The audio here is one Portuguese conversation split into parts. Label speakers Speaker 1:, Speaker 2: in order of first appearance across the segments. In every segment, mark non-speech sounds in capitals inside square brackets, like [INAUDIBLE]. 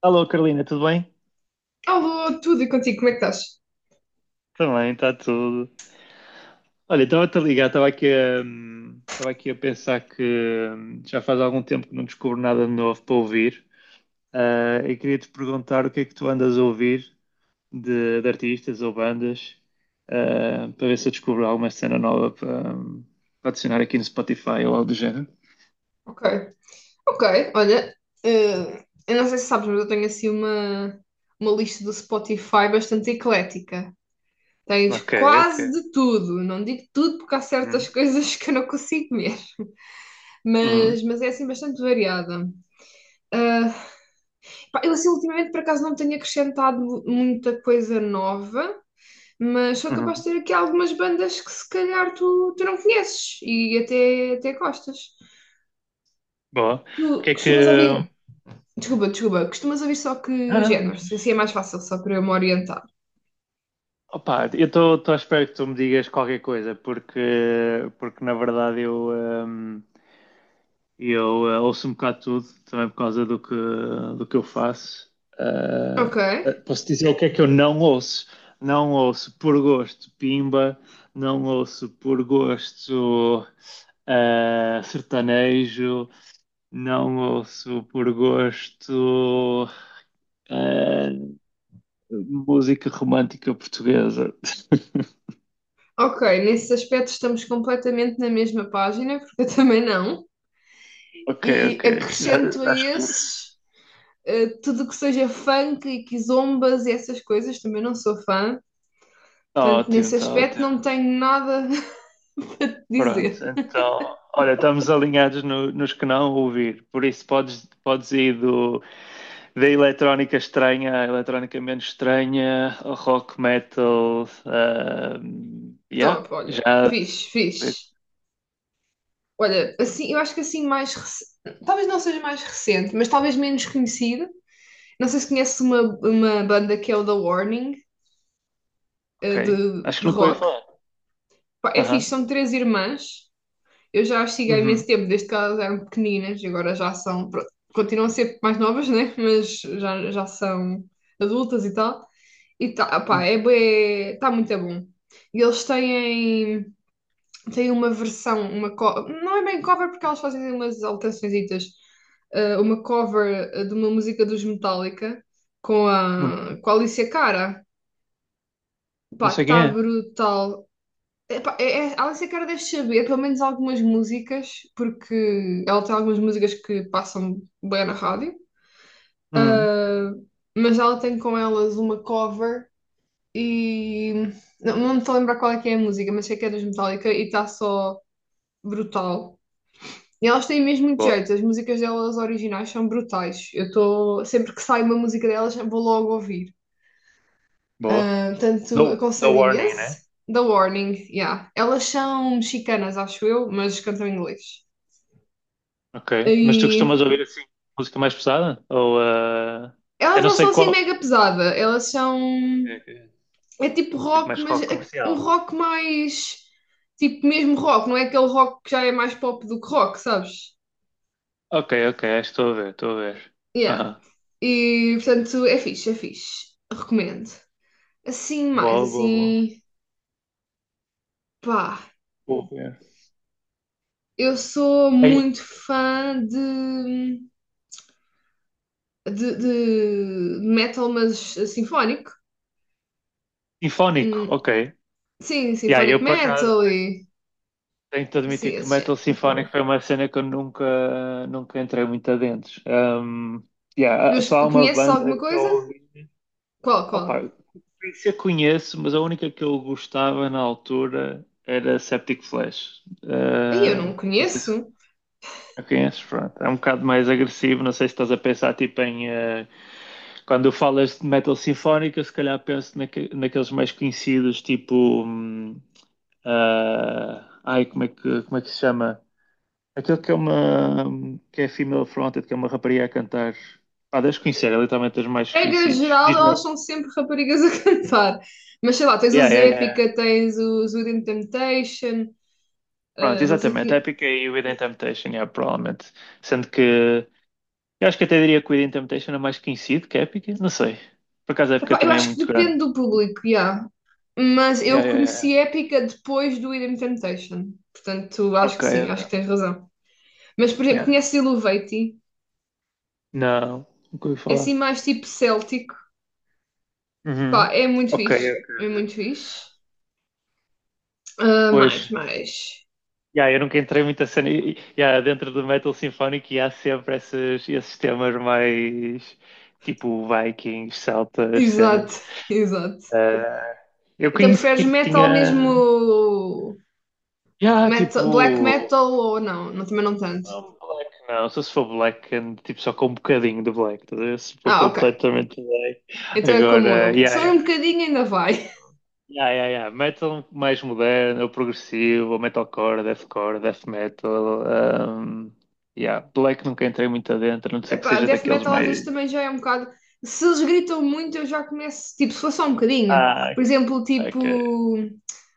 Speaker 1: Alô, Carolina, tudo bem?
Speaker 2: Alô, tudo e contigo, como é que estás?
Speaker 1: Também está tudo. Olha, estava-te a ligar, estava aqui a pensar que já faz algum tempo que não descubro nada de novo para ouvir. Ah, e queria-te perguntar o que é que tu andas a ouvir de artistas ou bandas, ah, para ver se eu descubro alguma cena nova para adicionar aqui no Spotify ou algo do género.
Speaker 2: Ok, ok, olha, eu não sei se sabes, mas eu tenho assim uma lista do Spotify bastante eclética. Tens
Speaker 1: Ok,
Speaker 2: quase
Speaker 1: ok.
Speaker 2: de tudo, não digo tudo porque há certas
Speaker 1: Uhum,
Speaker 2: coisas [LAUGHS] que eu não consigo ver,
Speaker 1: uhum,
Speaker 2: mas, é assim bastante variada. Ah, Pá, eu assim ultimamente por acaso não tenho acrescentado muita coisa nova, mas sou capaz de
Speaker 1: uhum.
Speaker 2: ter aqui algumas bandas que se calhar tu não conheces e até gostas.
Speaker 1: Boa.
Speaker 2: Tu
Speaker 1: O que é que.
Speaker 2: costumas ouvir desculpa, desculpa. Costumas ouvir só
Speaker 1: Não,
Speaker 2: que
Speaker 1: não, não.
Speaker 2: géneros? Assim é mais fácil, só para eu me orientar.
Speaker 1: Opa, eu estou à espera que tu me digas qualquer coisa, porque na verdade eu ouço um bocado tudo, também por causa do que eu faço. Ah,
Speaker 2: Ok.
Speaker 1: posso dizer o que é que eu não ouço? Não ouço por gosto Pimba, não ouço por gosto sertanejo, não ouço por gosto ah, música romântica portuguesa. [LAUGHS]
Speaker 2: Ok, nesse aspecto estamos completamente na mesma página, [LAUGHS] porque eu também não.
Speaker 1: Ok,
Speaker 2: E
Speaker 1: ok. Está
Speaker 2: acrescento a esses, tudo o que seja funk e quizombas e essas coisas, também não sou fã. Portanto,
Speaker 1: ótimo,
Speaker 2: nesse
Speaker 1: está
Speaker 2: aspecto
Speaker 1: ótimo.
Speaker 2: não tenho nada [LAUGHS] a
Speaker 1: Pronto,
Speaker 2: dizer.
Speaker 1: então, olha, estamos alinhados nos que não ouvir. Por isso, podes ir da eletrónica estranha à eletrónica menos estranha, ao rock metal. Yeah,
Speaker 2: Top, olha.
Speaker 1: já.
Speaker 2: Fixe, fixe. Olha, assim, eu acho que assim mais talvez não seja mais recente, mas talvez menos conhecida. Não sei se conheces uma banda que é o The Warning,
Speaker 1: Ok. Acho
Speaker 2: de
Speaker 1: que nunca ouvi
Speaker 2: rock.
Speaker 1: falar.
Speaker 2: Pá, é
Speaker 1: Aham.
Speaker 2: fixe, são três irmãs. Eu já as sigo há
Speaker 1: Uhum.
Speaker 2: imenso tempo, desde que elas eram pequeninas, e agora já são, pronto, continuam a ser mais novas, né? [LAUGHS] Mas já, são adultas e tal. E tá, pá, é, tá muito bom. E eles têm tem uma versão, não é bem cover porque elas fazem umas alterações, uma cover de uma música dos Metallica
Speaker 1: Uhum.
Speaker 2: com a Alicia Cara.
Speaker 1: Não
Speaker 2: Pá,
Speaker 1: sei quem
Speaker 2: tá
Speaker 1: é.
Speaker 2: brutal. Epá, a Alicia Cara deve saber pelo menos algumas músicas, porque ela tem algumas músicas que passam bem na rádio.
Speaker 1: Uhum.
Speaker 2: Ah, mas ela tem com elas uma cover e não, me estou a lembrar qual é que é a música, mas sei que é dos Metallica e está só brutal. E elas têm mesmo muito
Speaker 1: Boa,
Speaker 2: jeito, as músicas delas originais são brutais. Eu estou, sempre que sai uma música delas, vou logo ouvir.
Speaker 1: boa.
Speaker 2: Ah, portanto,
Speaker 1: Dou
Speaker 2: aconselho
Speaker 1: warning,
Speaker 2: imenso.
Speaker 1: né?
Speaker 2: The Warning, yeah. Elas são mexicanas, acho eu, mas cantam em inglês.
Speaker 1: Ok. Mas tu costumas
Speaker 2: E
Speaker 1: ouvir assim música mais pesada? Ou, ah, eu
Speaker 2: elas
Speaker 1: não
Speaker 2: não
Speaker 1: sei
Speaker 2: são assim
Speaker 1: qual.
Speaker 2: mega pesada, elas são.
Speaker 1: Ok. Ok.
Speaker 2: É tipo
Speaker 1: Tipo
Speaker 2: rock,
Speaker 1: mais
Speaker 2: mas
Speaker 1: rock
Speaker 2: é um
Speaker 1: comercial.
Speaker 2: rock mais. Tipo mesmo rock, não é aquele rock que já é mais pop do que rock, sabes?
Speaker 1: Ok, ok, estou a ver, estou a ver.
Speaker 2: Yeah.
Speaker 1: Aham.
Speaker 2: E portanto é fixe, é fixe. Recomendo. Assim, mais
Speaker 1: Boa, boa, boa.
Speaker 2: assim, pá,
Speaker 1: Vou ver.
Speaker 2: eu sou
Speaker 1: Aí,
Speaker 2: muito fã de metal, mas sinfónico.
Speaker 1: sinfónico,
Speaker 2: Hum,
Speaker 1: ok.
Speaker 2: sim,
Speaker 1: E aí,
Speaker 2: sinfónico
Speaker 1: eu por acaso
Speaker 2: metal e
Speaker 1: tenho de
Speaker 2: assim,
Speaker 1: admitir que
Speaker 2: esse
Speaker 1: metal
Speaker 2: género.
Speaker 1: sinfónico foi uma cena que eu nunca, nunca entrei muito adentro. Yeah,
Speaker 2: Mas
Speaker 1: só há uma
Speaker 2: conheces
Speaker 1: banda
Speaker 2: alguma
Speaker 1: que eu
Speaker 2: coisa?
Speaker 1: ouvi.
Speaker 2: Qual, qual?
Speaker 1: Opa, se eu conheço, mas a única que eu gostava na altura era Septic Flesh.
Speaker 2: Aí eu não
Speaker 1: Não sei se
Speaker 2: conheço.
Speaker 1: conheces, pronto. É um bocado mais agressivo. Não sei se estás a pensar tipo em, quando falas de metal sinfónica, se calhar penso naqueles mais conhecidos, tipo. hum, ah, ai, como é que se chama? Aquele que é uma, que é female fronted, que é uma rapariga a cantar. Ah, deves conhecer, é literalmente dos mais
Speaker 2: Regra
Speaker 1: conhecidos.
Speaker 2: geral,
Speaker 1: Diz-me.
Speaker 2: elas são sempre raparigas a [LAUGHS] cantar. Mas sei lá, tens
Speaker 1: Yeah,
Speaker 2: os
Speaker 1: yeah, yeah.
Speaker 2: Epica, tens os Within Temptation,
Speaker 1: Pronto,
Speaker 2: ah, não sei
Speaker 1: exatamente.
Speaker 2: quem.
Speaker 1: Epica e Within Temptation, yeah, provavelmente. Sendo que eu acho que até diria que o Within Temptation é mais conhecido que Epic, não sei. Por acaso a Epic
Speaker 2: Epá, eu
Speaker 1: também é
Speaker 2: acho que
Speaker 1: muito grande.
Speaker 2: depende do público, yeah. Mas
Speaker 1: Yeah,
Speaker 2: eu
Speaker 1: yeah, yeah.
Speaker 2: conheci Épica depois do Idem Temptation. Portanto, acho
Speaker 1: Ok,
Speaker 2: que sim,
Speaker 1: ok.
Speaker 2: acho que tens razão. Mas, por exemplo,
Speaker 1: Yeah.
Speaker 2: conheces Iluvaty?
Speaker 1: Não, nunca ouvi
Speaker 2: É assim
Speaker 1: falar.
Speaker 2: mais tipo céltico.
Speaker 1: Uhum.
Speaker 2: Pá, é muito
Speaker 1: Ok,
Speaker 2: fixe. É
Speaker 1: ok.
Speaker 2: muito fixe. Ah,
Speaker 1: Pois,
Speaker 2: mais, mais.
Speaker 1: yeah, eu nunca entrei muito a cena. Yeah, dentro do metal sinfónico e há sempre esses temas mais tipo Vikings, celtas, cenas.
Speaker 2: Exato, [LAUGHS] exato.
Speaker 1: Ah, eu
Speaker 2: Então
Speaker 1: conheci que
Speaker 2: preferes metal
Speaker 1: tinha.
Speaker 2: mesmo...
Speaker 1: Yeah,
Speaker 2: black
Speaker 1: tipo.
Speaker 2: metal ou não? Não, também não tanto.
Speaker 1: Não, black não, só se for black, and, tipo, só com um bocadinho de black, estás a ver? Se for
Speaker 2: Ah, ok.
Speaker 1: completamente black.
Speaker 2: Então é como eu.
Speaker 1: Agora, yeah,
Speaker 2: Sou um
Speaker 1: yeah,
Speaker 2: bocadinho ainda vai.
Speaker 1: yeah, yeah, yeah. Metal mais moderno, ou progressivo, ou metalcore, deathcore, death metal. Um, yeah. Black nunca entrei muito adentro, a não ser que
Speaker 2: Epá,
Speaker 1: seja
Speaker 2: death
Speaker 1: daqueles
Speaker 2: metal às vezes
Speaker 1: mais.
Speaker 2: também já é um bocado. Se eles gritam muito, eu já começo. Tipo, se for só um bocadinho.
Speaker 1: Ah,
Speaker 2: Por exemplo,
Speaker 1: ok.
Speaker 2: tipo.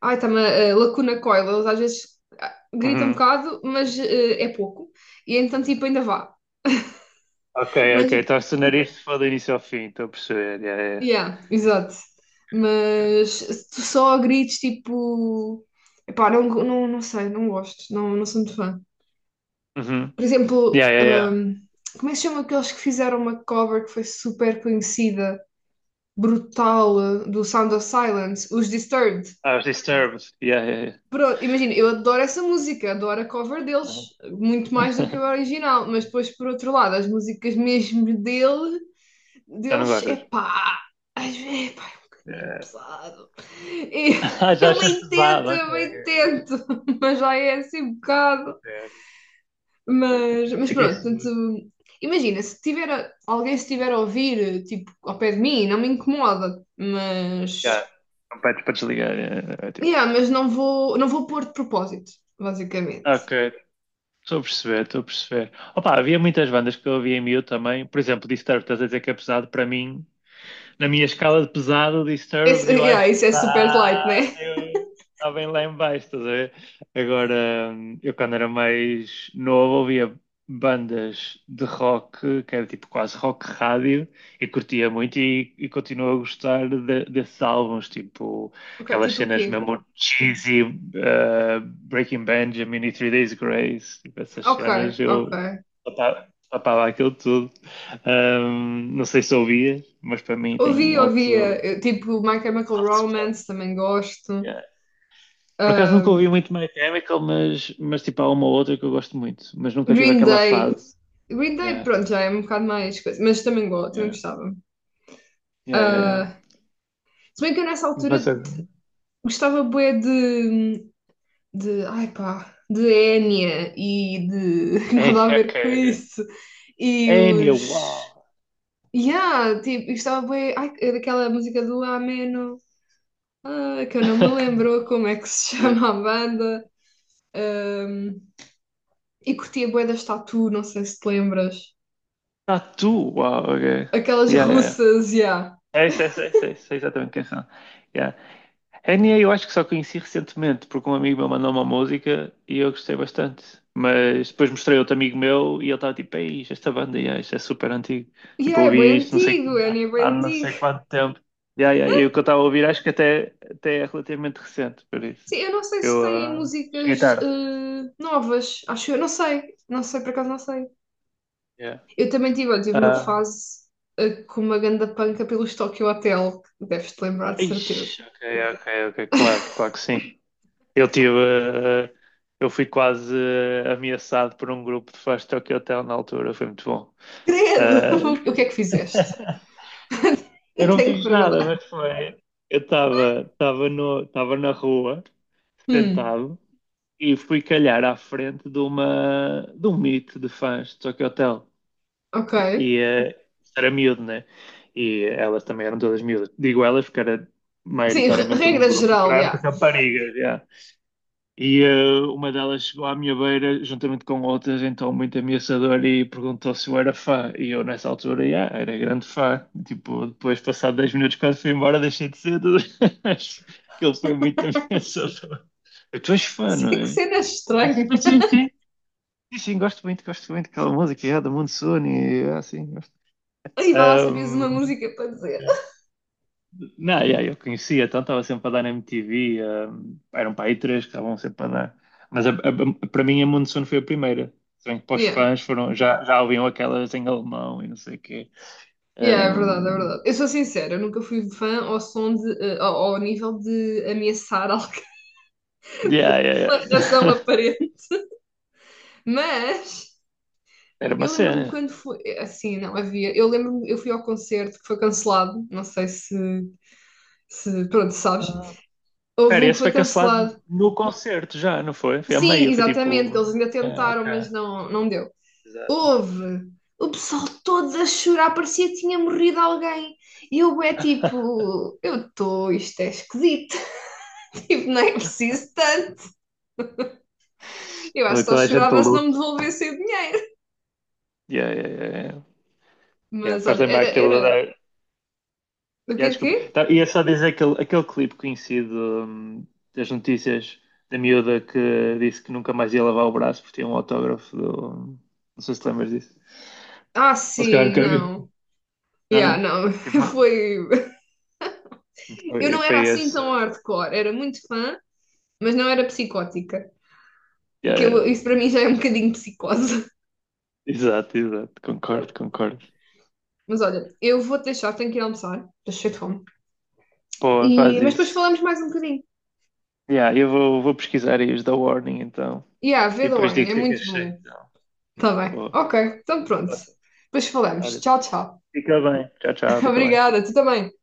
Speaker 2: Ai, a Lacuna Coil. Eles às vezes gritam um
Speaker 1: Uhum.
Speaker 2: bocado, mas é pouco. E então, tipo, ainda vá.
Speaker 1: Ok, ok,
Speaker 2: Mas,
Speaker 1: estás a sonar isto foi do início ao fim, estou a perceber. Yeah, yeah.
Speaker 2: yeah, exato.
Speaker 1: Yeah.
Speaker 2: Mas se tu só grites, tipo. Epá, não, não sei, não gosto. Não, sou muito fã.
Speaker 1: Uhum.
Speaker 2: Por exemplo,
Speaker 1: Yeah, yeah, yeah.
Speaker 2: como é que se chama aqueles que fizeram uma cover que foi super conhecida? Brutal, do Sound of Silence, os Disturbed.
Speaker 1: Ah, os Disturbed. Yeah, yeah, yeah.
Speaker 2: Pronto, imagina, eu adoro essa música, adoro a cover deles,
Speaker 1: Uhum.
Speaker 2: muito mais do que o
Speaker 1: [LAUGHS]
Speaker 2: original, mas depois, por outro lado, as músicas mesmo
Speaker 1: Já não
Speaker 2: deles, é
Speaker 1: gostas?
Speaker 2: pá, às vezes, epá, é um bocadinho pesado. E
Speaker 1: Ah,
Speaker 2: [LAUGHS]
Speaker 1: já achas pesado, ok,
Speaker 2: eu bem
Speaker 1: ok,
Speaker 2: tento, [LAUGHS] mas já é assim um bocado.
Speaker 1: ok. Ok.
Speaker 2: Mas,
Speaker 1: É que
Speaker 2: pronto,
Speaker 1: isso.
Speaker 2: portanto, imagina, se tiver, alguém estiver a ouvir, tipo, ao pé de mim, não me incomoda, mas
Speaker 1: Já, não pede para desligar. É tipo,
Speaker 2: yeah, mas não vou, não vou pôr de propósito, basicamente.
Speaker 1: ok, estou a perceber, estou a perceber. Opa, havia muitas bandas que eu ouvia em miúdo também. Por exemplo, Disturbed, estás a dizer que é pesado. Para mim, na minha escala de pesado, o Disturbed
Speaker 2: Esse,
Speaker 1: eu
Speaker 2: yeah,
Speaker 1: acho que
Speaker 2: isso é super light,
Speaker 1: está
Speaker 2: né?
Speaker 1: eu- está bem lá em baixo, estás a ver? Agora, eu quando era mais novo ouvia bandas de rock, que era tipo quase rock rádio, e curtia muito e continuo a gostar desses álbuns, tipo
Speaker 2: Ok,
Speaker 1: aquelas
Speaker 2: tipo o
Speaker 1: cenas
Speaker 2: quê?
Speaker 1: mesmo cheesy, Breaking Benjamin e Three Days Grace, tipo essas
Speaker 2: Ok,
Speaker 1: cenas,
Speaker 2: ok.
Speaker 1: eu papava, papava aquilo tudo. Não sei se ouvias, mas para mim tem
Speaker 2: Ouvi, ouvi,
Speaker 1: alto
Speaker 2: tipo My Chemical
Speaker 1: soft spot.
Speaker 2: Romance, também gosto.
Speaker 1: Yeah. Por acaso nunca ouvi
Speaker 2: Ahm,
Speaker 1: muito My Chemical, mas tipo há uma ou outra que eu gosto muito, mas nunca tive
Speaker 2: Green
Speaker 1: aquela
Speaker 2: Day.
Speaker 1: fase.
Speaker 2: Green Day,
Speaker 1: Yeah,
Speaker 2: pronto, já é um bocado mais coisa, mas também gosto, também
Speaker 1: yeah,
Speaker 2: gostava.
Speaker 1: yeah, yeah. Yeah.
Speaker 2: Ah, se bem que eu nessa
Speaker 1: Mas
Speaker 2: altura
Speaker 1: é.
Speaker 2: gostava bué ai pá, de Enya e de [LAUGHS] nada a
Speaker 1: Enya, ok,
Speaker 2: ver com
Speaker 1: ok.
Speaker 2: isso. E
Speaker 1: Enya,
Speaker 2: os
Speaker 1: uau!
Speaker 2: yeah, tipo, eu estava bem. Ai, é daquela música do Ameno, ah, que eu não me
Speaker 1: [LAUGHS]
Speaker 2: lembro como é que se [LAUGHS] chama a banda. Ahm, e curtia bué das Tatu, não sei se te lembras.
Speaker 1: Ah, tu, uau, [LAUGHS] ok. Yeah,
Speaker 2: Aquelas
Speaker 1: yeah, yeah.
Speaker 2: russas, yeah.
Speaker 1: É isso, é isso, é isso, é isso, é exatamente quem são. Yeah, NA eu acho que só conheci recentemente, porque um amigo meu mandou uma música e eu gostei bastante. Mas depois mostrei a outro amigo meu e ele estava tipo, ei, isto, é esta banda, yeah, isto é super antigo. Tipo,
Speaker 2: Yeah, é bem
Speaker 1: ouvi isto não sei,
Speaker 2: antigo, é nem
Speaker 1: há
Speaker 2: bem
Speaker 1: há não
Speaker 2: antigo.
Speaker 1: sei quanto tempo. Yeah, yeah, e o que eu estava a ouvir acho que até é relativamente recente, por isso.
Speaker 2: Sim, eu não sei se
Speaker 1: Eu
Speaker 2: têm
Speaker 1: cheguei
Speaker 2: músicas
Speaker 1: tarde.
Speaker 2: novas, acho eu, não sei, por acaso não sei.
Speaker 1: Yeah.
Speaker 2: Eu também tive, olha, tive uma
Speaker 1: Ah,
Speaker 2: fase com uma ganda panca pelos Tokyo Hotel, que deves-te lembrar de
Speaker 1: ixi,
Speaker 2: certeza.
Speaker 1: ok, ok, ok, claro, claro que sim. Eu tive, ah, eu fui quase ameaçado por um grupo de fãs de Tokyo Hotel na altura, foi muito bom.
Speaker 2: Credo!
Speaker 1: Ah,
Speaker 2: [LAUGHS] O que é que fizeste?
Speaker 1: [LAUGHS] eu
Speaker 2: [LAUGHS]
Speaker 1: não
Speaker 2: Tenho que
Speaker 1: fiz nada,
Speaker 2: perguntar.
Speaker 1: mas foi. Eu estava estava no estava na rua,
Speaker 2: Hum,
Speaker 1: sentado, e fui calhar à frente de um meet de fãs de Tokyo Hotel.
Speaker 2: ok.
Speaker 1: E, eh, era miúdo, né? E elas também eram todas miúdas. Digo elas porque era
Speaker 2: Sim,
Speaker 1: maioritariamente um
Speaker 2: regra
Speaker 1: grupo
Speaker 2: geral, já. [LAUGHS]
Speaker 1: grande
Speaker 2: Yeah.
Speaker 1: de raparigas. Já. E uma delas chegou à minha beira, juntamente com outras, então muito ameaçadora, e perguntou se eu era fã. E eu, nessa altura, yeah, era grande fã. Tipo, depois, passado 10 minutos, quando fui embora, deixei de ser. Tudo. [LAUGHS] Acho que ele foi muito ameaçador. Tu és fã, não
Speaker 2: Sei que
Speaker 1: é?
Speaker 2: cena estranha.
Speaker 1: [LAUGHS] Sim, sim. Sim, sim, sim, gosto muito daquela música, yeah, da Monsoon, e assim gosto.
Speaker 2: E vai lá, sabias uma
Speaker 1: Ahm,
Speaker 2: música para dizer.
Speaker 1: Não, yeah, eu conhecia, então estava sempre a dar na MTV, eram para aí três que estavam sempre a dar. Mas para mim a Monsoon foi a primeira. Se bem que para os
Speaker 2: Yeah.
Speaker 1: fãs foram, já ouviam aquelas em alemão e não sei o quê.
Speaker 2: Yeah, é verdade, é
Speaker 1: Um,
Speaker 2: verdade. Eu sou sincera, eu nunca fui fã ao som de, ao nível de ameaçar [LAUGHS] alguma
Speaker 1: yeah, yeah,
Speaker 2: razão
Speaker 1: yeah. [LAUGHS]
Speaker 2: aparente. Mas
Speaker 1: Era uma
Speaker 2: eu lembro-me
Speaker 1: cena.
Speaker 2: quando foi. Assim, não havia. Eu lembro-me, eu fui ao concerto que foi cancelado. Não sei se. Se pronto, sabes.
Speaker 1: Ah,
Speaker 2: Houve
Speaker 1: pera,
Speaker 2: um que
Speaker 1: esse
Speaker 2: foi
Speaker 1: foi cancelado
Speaker 2: cancelado.
Speaker 1: no concerto já, não foi? Foi a
Speaker 2: Sim,
Speaker 1: meio, foi
Speaker 2: exatamente, que eles
Speaker 1: tipo.
Speaker 2: ainda
Speaker 1: É,
Speaker 2: tentaram, mas
Speaker 1: ok.
Speaker 2: não, deu.
Speaker 1: Exato.
Speaker 2: Houve. O pessoal todo a chorar, parecia que tinha morrido alguém. E eu é
Speaker 1: [LAUGHS]
Speaker 2: tipo, eu estou, isto é esquisito. [LAUGHS] Tipo, não é preciso tanto. Eu acho que só
Speaker 1: Toda a gente
Speaker 2: chorava
Speaker 1: luta
Speaker 2: se não me
Speaker 1: luto.
Speaker 2: devolvessem o dinheiro.
Speaker 1: Yeah, yeah, yeah. Yeah. Yeah,
Speaker 2: Mas
Speaker 1: faz
Speaker 2: olha,
Speaker 1: lembrar
Speaker 2: era,
Speaker 1: aquele.
Speaker 2: o
Speaker 1: Yeah,
Speaker 2: quê, o
Speaker 1: desculpa.
Speaker 2: quê?
Speaker 1: Tá, ia só dizer aquele, clipe conhecido das notícias da miúda que disse que nunca mais ia lavar o braço porque tinha um autógrafo do. Não sei se te lembras disso.
Speaker 2: Ah,
Speaker 1: Ou se calhar
Speaker 2: sim,
Speaker 1: nunca vi.
Speaker 2: não.
Speaker 1: Não,
Speaker 2: Yeah,
Speaker 1: não.
Speaker 2: não,
Speaker 1: Tipo,
Speaker 2: [LAUGHS]
Speaker 1: mano,
Speaker 2: foi... Eu
Speaker 1: Foi,
Speaker 2: não era
Speaker 1: foi
Speaker 2: assim
Speaker 1: esse.
Speaker 2: tão hardcore, era muito fã, mas não era psicótica.
Speaker 1: Yeah,
Speaker 2: Que
Speaker 1: yeah.
Speaker 2: isso para mim já é um bocadinho psicose. [LAUGHS]
Speaker 1: Exato, exato. Concordo, concordo.
Speaker 2: Mas olha, eu vou-te deixar, tenho que ir almoçar, estou cheia de fome.
Speaker 1: Pô,
Speaker 2: E...
Speaker 1: faz
Speaker 2: Mas depois
Speaker 1: isso.
Speaker 2: falamos mais um bocadinho.
Speaker 1: Yeah, eu vou pesquisar aí os da Warning então.
Speaker 2: Yeah, vê
Speaker 1: E
Speaker 2: The
Speaker 1: depois
Speaker 2: Warning,
Speaker 1: digo o
Speaker 2: é
Speaker 1: que é que
Speaker 2: muito
Speaker 1: achei.
Speaker 2: bom.
Speaker 1: Então.
Speaker 2: Tá bem.
Speaker 1: Pô,
Speaker 2: Ok, então pronto. Depois falamos.
Speaker 1: olha,
Speaker 2: Tchau, tchau.
Speaker 1: fica bem. Tchau,
Speaker 2: [LAUGHS]
Speaker 1: tchau, fica bem.
Speaker 2: Obrigada, tu também.